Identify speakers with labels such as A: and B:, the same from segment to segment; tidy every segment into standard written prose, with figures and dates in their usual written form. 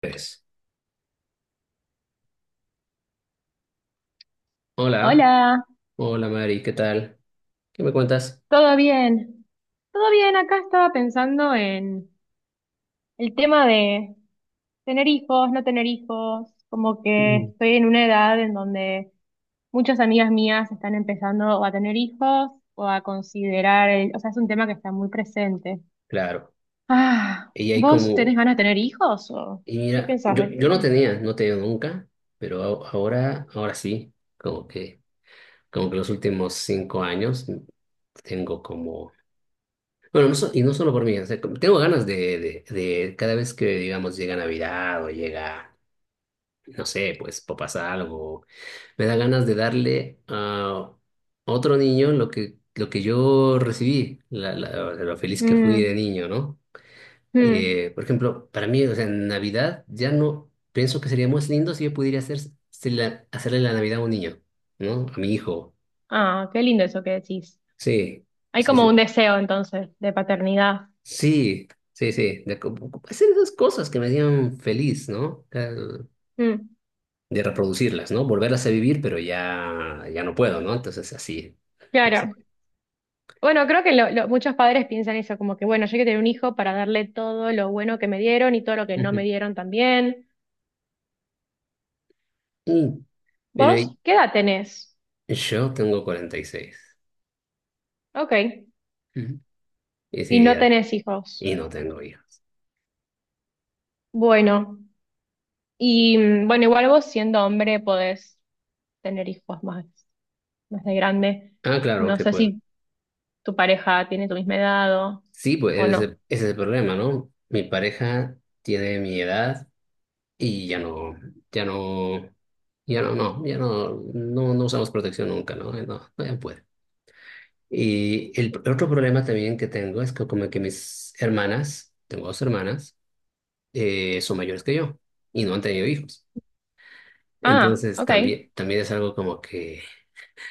A: Pues, hola,
B: Hola,
A: hola Mari, ¿qué tal? ¿Qué me cuentas?
B: ¿todo bien? Todo bien, acá estaba pensando en el tema de tener hijos, no tener hijos, como que
A: Ujú.
B: estoy en una edad en donde muchas amigas mías están empezando o a tener hijos o a considerar, o sea, es un tema que está muy presente.
A: Claro,
B: Ah,
A: y hay
B: ¿vos tenés
A: como,
B: ganas de tener hijos o
A: y
B: qué
A: mira,
B: pensás
A: yo,
B: del
A: yo no
B: tema?
A: tenía, nunca, pero ahora sí, como que, los últimos 5 años tengo como, bueno, y no solo por mí, o sea, tengo ganas de, cada vez que, digamos, llega Navidad o llega, no sé, pues, o pasa algo, me da ganas de darle a otro niño lo que yo recibí, lo feliz que fui de
B: Mm,
A: niño, ¿no?
B: mm.
A: Por ejemplo, para mí, o sea, en Navidad ya no, pienso que sería más lindo si yo pudiera hacer, hacerle la Navidad a un niño, ¿no? A mi hijo.
B: Ah, qué lindo eso que decís.
A: Sí,
B: Hay
A: sí,
B: como
A: sí.
B: un deseo entonces de paternidad.
A: Sí, sí, sí. De hacer esas cosas que me hacían feliz, ¿no?
B: Mm,
A: De reproducirlas, ¿no? Volverlas a vivir, pero ya no puedo, ¿no? Entonces, así. Así.
B: claro. Bueno, creo que muchos padres piensan eso, como que bueno, yo quiero tener un hijo para darle todo lo bueno que me dieron y todo lo que no me dieron también.
A: Uh, pero
B: ¿Vos qué edad tenés?
A: yo tengo 46.
B: Ok.
A: Ujú. Y es
B: Y no
A: ideal.
B: tenés hijos.
A: Y no tengo hijos.
B: Bueno. Y bueno, igual vos siendo hombre podés tener hijos más, más de grande.
A: Ah, claro
B: No
A: que
B: sé
A: puedo.
B: si tu pareja tiene tu misma edad
A: Sí, pues
B: o
A: ese,
B: no.
A: ese es el problema, ¿no? Mi pareja tiene mi edad y ya no, ya no, ya no usamos protección nunca, ¿no? No, no ya puede. Y el otro problema también que tengo es que como que mis hermanas, tengo dos hermanas, son mayores que yo y no han tenido hijos.
B: Ah,
A: Entonces
B: ok.
A: también es algo como que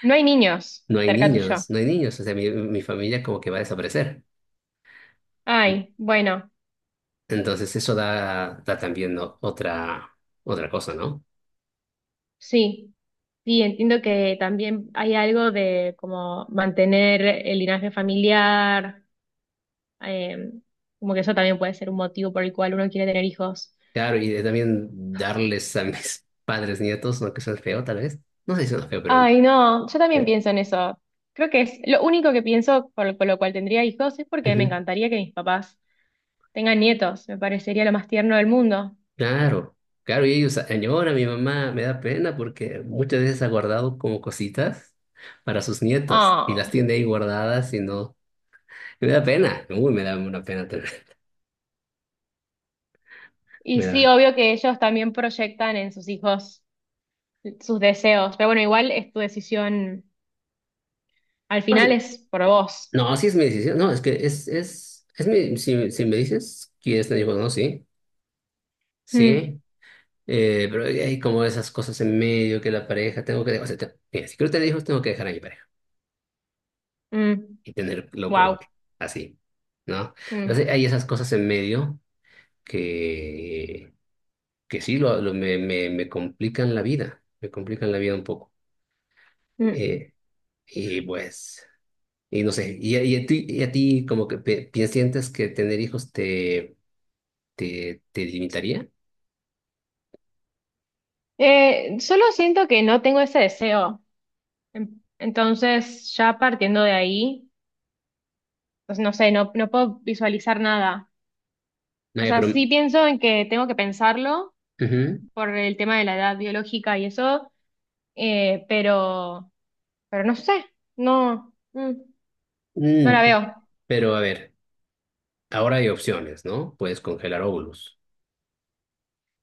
B: No hay niños
A: no hay
B: cerca tuyo.
A: niños, no hay niños, o sea, mi familia como que va a desaparecer.
B: Ay, bueno.
A: Entonces eso da también otra cosa, ¿no?
B: Sí, sí, entiendo que también hay algo de como mantener el linaje familiar, eh, como que eso también puede ser un motivo por el cual uno quiere tener hijos.
A: Claro, y de también darles a mis padres nietos, aunque suene feo tal vez. No sé si suena feo, pero...
B: Ay, no, yo también
A: eh,
B: pienso en eso. Creo que es lo único que pienso por lo cual tendría hijos es porque me
A: ujú.
B: encantaría que mis papás tengan nietos. Me parecería lo más tierno del mundo.
A: Claro, claro, y ellos añoran, mi mamá me da pena porque muchas veces ha guardado como cositas para sus nietos y las
B: Ah.
A: tiene ahí guardadas y no... me da pena, uy, me da una pena, terrible,
B: Y
A: me
B: sí,
A: da...
B: obvio que ellos también proyectan en sus hijos sus deseos. Pero bueno, igual es tu decisión. Al final es por vos.
A: No, sí es mi decisión. No, es que es, es mi, si me dices, ¿quieres tener hijos? No, sí,
B: Mm,
A: sí. Pero hay como esas cosas en medio que la pareja tengo que, o sea, mira, si quiero tener hijos, tengo que dejar a mi pareja
B: mm,
A: y tenerlo con
B: wow.
A: otro, así, ¿no?
B: Mm,
A: Entonces hay esas cosas en medio que, sí lo, me complican la vida, me complican la vida un poco.
B: mm.
A: Eh, y pues, y no sé, y, y a ti, como que ¿sientes que tener hijos te limitaría?
B: Solo siento que no tengo ese deseo. Entonces, ya partiendo de ahí, pues no sé, no, no puedo visualizar nada. O
A: Nadie
B: sea, sí pienso en que tengo que pensarlo
A: ujú.
B: por el tema de la edad biológica y eso, eh, pero, pero no sé, no, no la
A: Mm,
B: veo.
A: pero a ver, ahora hay opciones, ¿no? Puedes congelar óvulos.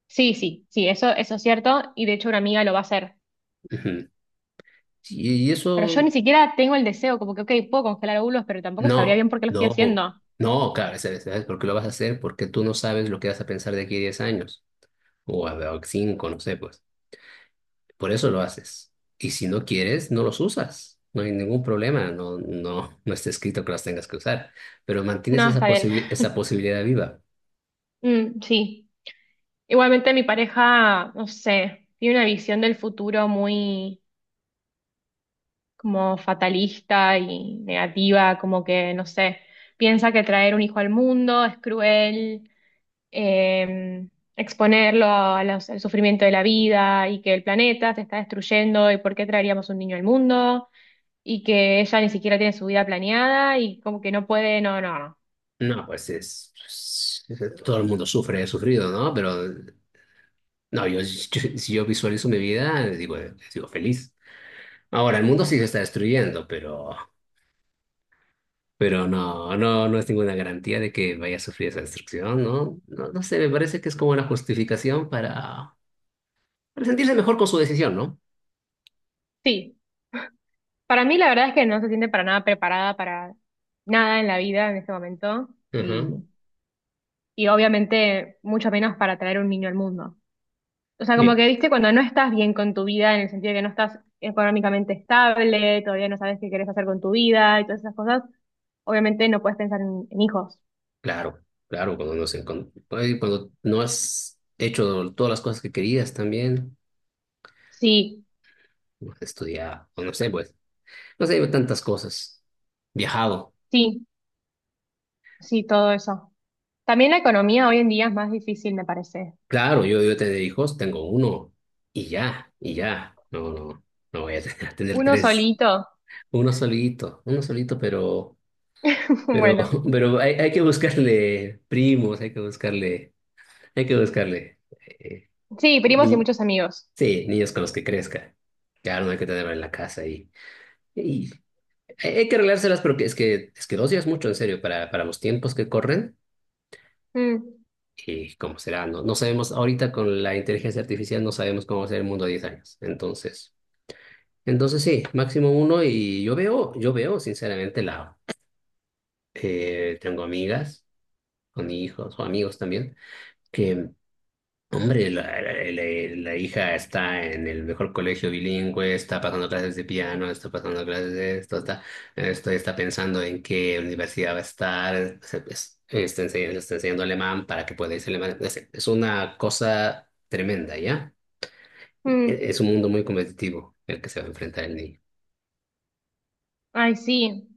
B: Sí, sí, sí, eso es cierto, y de hecho una amiga lo va a hacer.
A: Ujú. Y
B: Pero yo
A: eso,
B: ni siquiera tengo el deseo, como que, ok, puedo congelar óvulos, pero tampoco sabría
A: no,
B: bien por qué lo estoy
A: no,
B: haciendo.
A: no, claro, ¿sabes por qué lo vas a hacer? Porque tú no sabes lo que vas a pensar de aquí a 10 años, o a cinco, no sé, pues. Por eso lo haces. Y si no quieres, no los usas. No hay ningún problema, no, no, no está escrito que los tengas que usar, pero mantienes
B: No,
A: esa
B: está bien.
A: esa posibilidad viva.
B: Mm, sí. Igualmente mi pareja, no sé, tiene una visión del futuro muy como fatalista y negativa, como que, no sé, piensa que traer un hijo al mundo es cruel, eh, exponerlo a al sufrimiento de la vida y que el planeta se está destruyendo y por qué traeríamos un niño al mundo y que ella ni siquiera tiene su vida planeada y como que no puede, no, no. no.
A: No, pues es, todo el mundo sufre, he sufrido, ¿no? Pero no, si yo visualizo mi vida, digo, sigo feliz. Ahora, el mundo sí se está destruyendo, pero, no, no es ninguna garantía de que vaya a sufrir esa destrucción, ¿no? No, no sé, me parece que es como una justificación para, sentirse mejor con su decisión, ¿no?
B: Sí, para mí la verdad es que no se siente para nada preparada para nada en la vida en este momento
A: Ujú.
B: y, y obviamente mucho menos para traer un niño al mundo. O sea, como
A: Sí,
B: que viste cuando no estás bien con tu vida en el sentido de que no estás económicamente estable, todavía no sabes qué querés hacer con tu vida y todas esas cosas, obviamente no puedes pensar en hijos.
A: claro, claro, cuando ay, cuando no has hecho todas las cosas que querías también,
B: Sí,
A: no has estudiado, o no sé, pues, no sé, tantas cosas. Viajado.
B: sí, sí, todo eso. También la economía hoy en día es más difícil, me parece.
A: Claro, yo tener hijos, tengo uno y ya, y ya. No, no, no voy a tener, tener
B: Uno
A: tres.
B: solito,
A: Uno solito, pero, pero,
B: bueno.
A: pero hay que buscarle primos, hay que buscarle, hay que buscarle. eh,
B: Sí, primos y
A: ni-
B: muchos amigos.
A: sí, niños con los que crezca. Claro, no hay que tenerlo en la casa y hay que arreglárselas porque es que dos ya es mucho, en serio, para, los tiempos que corren
B: Mm.
A: y cómo será. No, no sabemos, ahorita con la inteligencia artificial no sabemos cómo va a ser el mundo a 10 años. Entonces. Entonces sí, máximo uno y yo veo, sinceramente la, tengo amigas con hijos o amigos también, que hombre, la, la hija está en el mejor colegio bilingüe, está pasando clases de piano, está pasando clases de esto, esto está pensando en qué universidad va a estar, está enseñando alemán para que pueda irse a alemán. Es una cosa tremenda, ¿ya?
B: Mm.
A: Es un mundo muy competitivo el que se va a enfrentar el niño.
B: Ay, sí.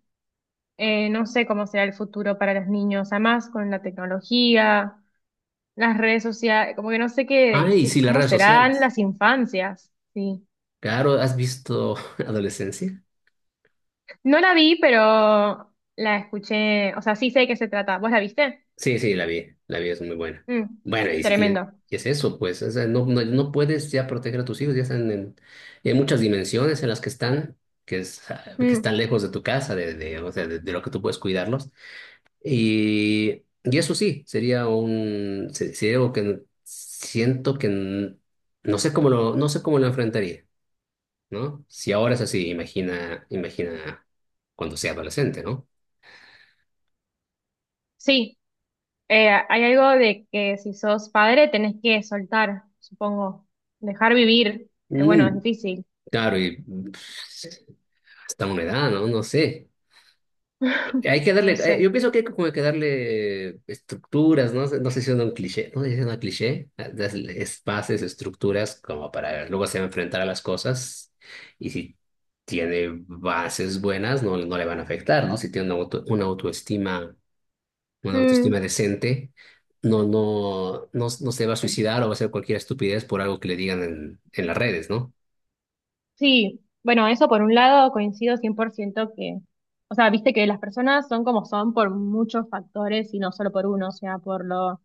B: No sé cómo será el futuro para los niños, además con la tecnología, las redes sociales, como que no sé
A: Ah,
B: qué,
A: y sí, las
B: cómo
A: redes
B: serán
A: sociales.
B: las infancias, sí.
A: Claro, ¿has visto Adolescencia?
B: No la vi, pero la escuché, o sea, sí sé de qué se trata. ¿Vos la viste?
A: Sí, sí, la vi, es muy buena.
B: Mm,
A: Bueno, y, y-
B: tremendo.
A: y es eso, pues, o sea, no, no, no puedes ya proteger a tus hijos, ya están en, y hay muchas dimensiones en las que están, que, es, ah, que están
B: Mm,
A: lejos de tu casa, de, o sea, de, lo que tú puedes cuidarlos. Y eso sí, sería un, sería algo que siento que no sé cómo lo, no sé cómo lo enfrentaría, ¿no? Si ahora es así, imagina, imagina cuando sea adolescente, ¿no?
B: sí. Hay algo de que si sos padre tenés que soltar, supongo, dejar vivir, pero bueno, es difícil.
A: Claro, y pues, hasta una edad, ¿no? No sé. Hay que
B: No
A: darle,
B: sé.
A: yo pienso que hay como que darle estructuras, ¿no? No sé si es un cliché, no sé si es una cliché, darle espacios, estructuras como para luego se va a enfrentar a las cosas y si tiene bases buenas, no, no le van a afectar, ¿no? Si tiene una una
B: Mm.
A: autoestima decente, no, no, no, no se va a suicidar o va a hacer cualquier estupidez por algo que le digan en las redes, ¿no?
B: Sí, bueno, eso por un lado coincido 100% que, o sea, viste que las personas son como son por muchos factores y no solo por uno, o sea, por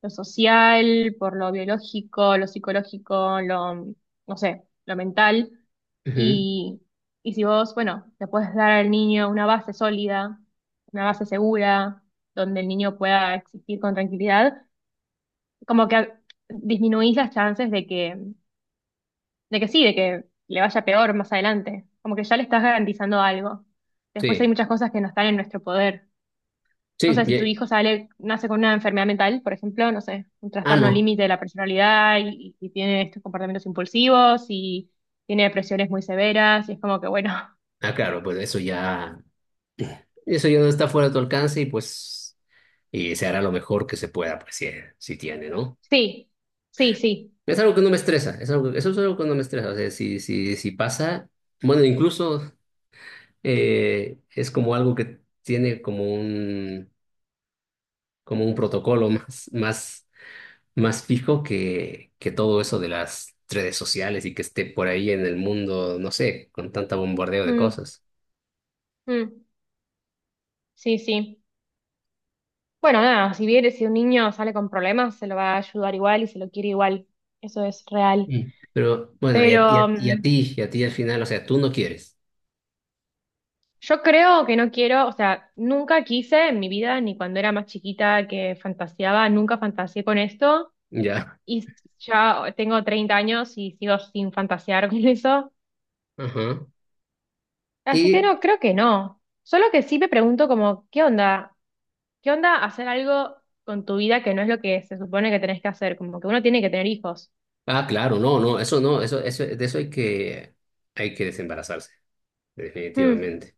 B: lo social, por lo biológico, lo psicológico, lo, no sé, lo mental.
A: Ujú.
B: Y, y si vos, bueno, le puedes dar al niño una base sólida, una base segura, donde el niño pueda existir con tranquilidad, como que disminuís las chances de que sí, de que le vaya peor más adelante. Como que ya le estás garantizando algo. Después hay
A: Sí,
B: muchas cosas que no están en nuestro poder. No
A: sí,
B: sé, si tu hijo sale, nace con una enfermedad mental, por ejemplo, no sé, un
A: ah,
B: trastorno
A: no.
B: límite de la personalidad y tiene estos comportamientos impulsivos y tiene depresiones muy severas y es como que, bueno,
A: Claro, pues eso ya no está fuera de tu alcance y pues y se hará lo mejor que se pueda, pues si, si tiene, ¿no?
B: sí, sí, sí.
A: Es algo que no me estresa, es algo, eso es algo que no me estresa, o sea, si, si pasa, bueno, incluso es como algo que tiene como como un protocolo más, más, más fijo que, todo eso de las redes sociales y que esté por ahí en el mundo, no sé, con tanta bombardeo de
B: Mm,
A: cosas.
B: mm, sí, sí. Bueno, nada, si bien si un niño sale con problemas, se lo va a ayudar igual y se lo quiere igual. Eso es real.
A: Mm. Pero bueno, y a,
B: Pero,
A: y a
B: mm.
A: ti, y a ti al final, o sea, tú no quieres.
B: Yo creo que no quiero, o sea, nunca quise en mi vida, ni cuando era más chiquita que fantaseaba, nunca fantaseé con esto
A: Ya.
B: y ya tengo 30 años y sigo sin fantasear con eso.
A: Ajá.
B: Así que
A: Y,
B: no, creo que no. Solo que sí me pregunto como, ¿qué onda? ¿Qué onda hacer algo con tu vida que no es lo que se supone que tenés que hacer? Como que uno tiene que tener hijos.
A: claro, no, no, eso no, eso, de eso hay que desembarazarse,
B: Mm,
A: definitivamente.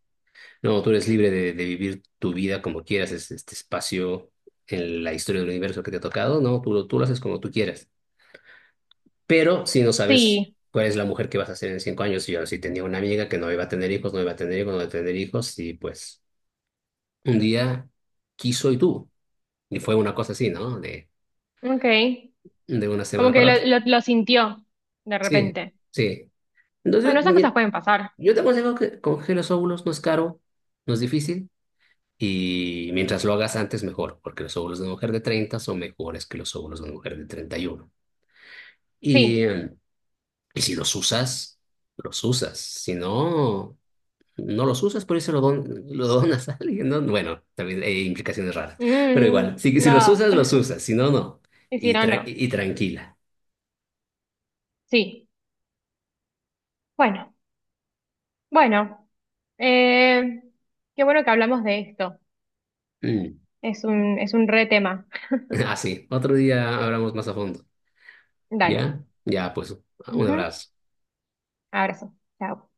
A: No, tú eres libre de, vivir tu vida como quieras, este espacio en la historia del universo que te ha tocado, no, tú lo haces como tú quieras. Pero si no sabes
B: sí,
A: cuál es la mujer que vas a ser en 5 años, yo sí tenía una amiga que no iba a tener hijos, no iba a tener hijos, no iba a tener hijos, y pues un día quiso y tuvo. Y fue una cosa así, ¿no? De,
B: ok.
A: una
B: Como
A: semana
B: que
A: para otra.
B: lo sintió de
A: Sí,
B: repente.
A: sí. Entonces,
B: Bueno, esas
A: mira,
B: cosas pueden pasar.
A: yo te aconsejo que congele los óvulos, no es caro, no es difícil, y mientras lo hagas antes, mejor, porque los óvulos de una mujer de 30 son mejores que los óvulos de una mujer de 31. Y,
B: Sí.
A: uno. Y si los usas, los usas. Si no, no los usas, por eso lo donas a alguien, ¿no? Bueno, también hay implicaciones raras, pero
B: Mm,
A: igual, si,
B: no.
A: los usas, si no, no.
B: Hicieron no. no.
A: Y tranquila.
B: Sí. Bueno, bueno. eh, Qué bueno que hablamos de esto.
A: Mm.
B: Es un re tema.
A: Así, otro día hablamos más a fondo,
B: Dale.
A: ¿ya? Ya, pues, un
B: Ujú.
A: abrazo.
B: Abrazo. Chao.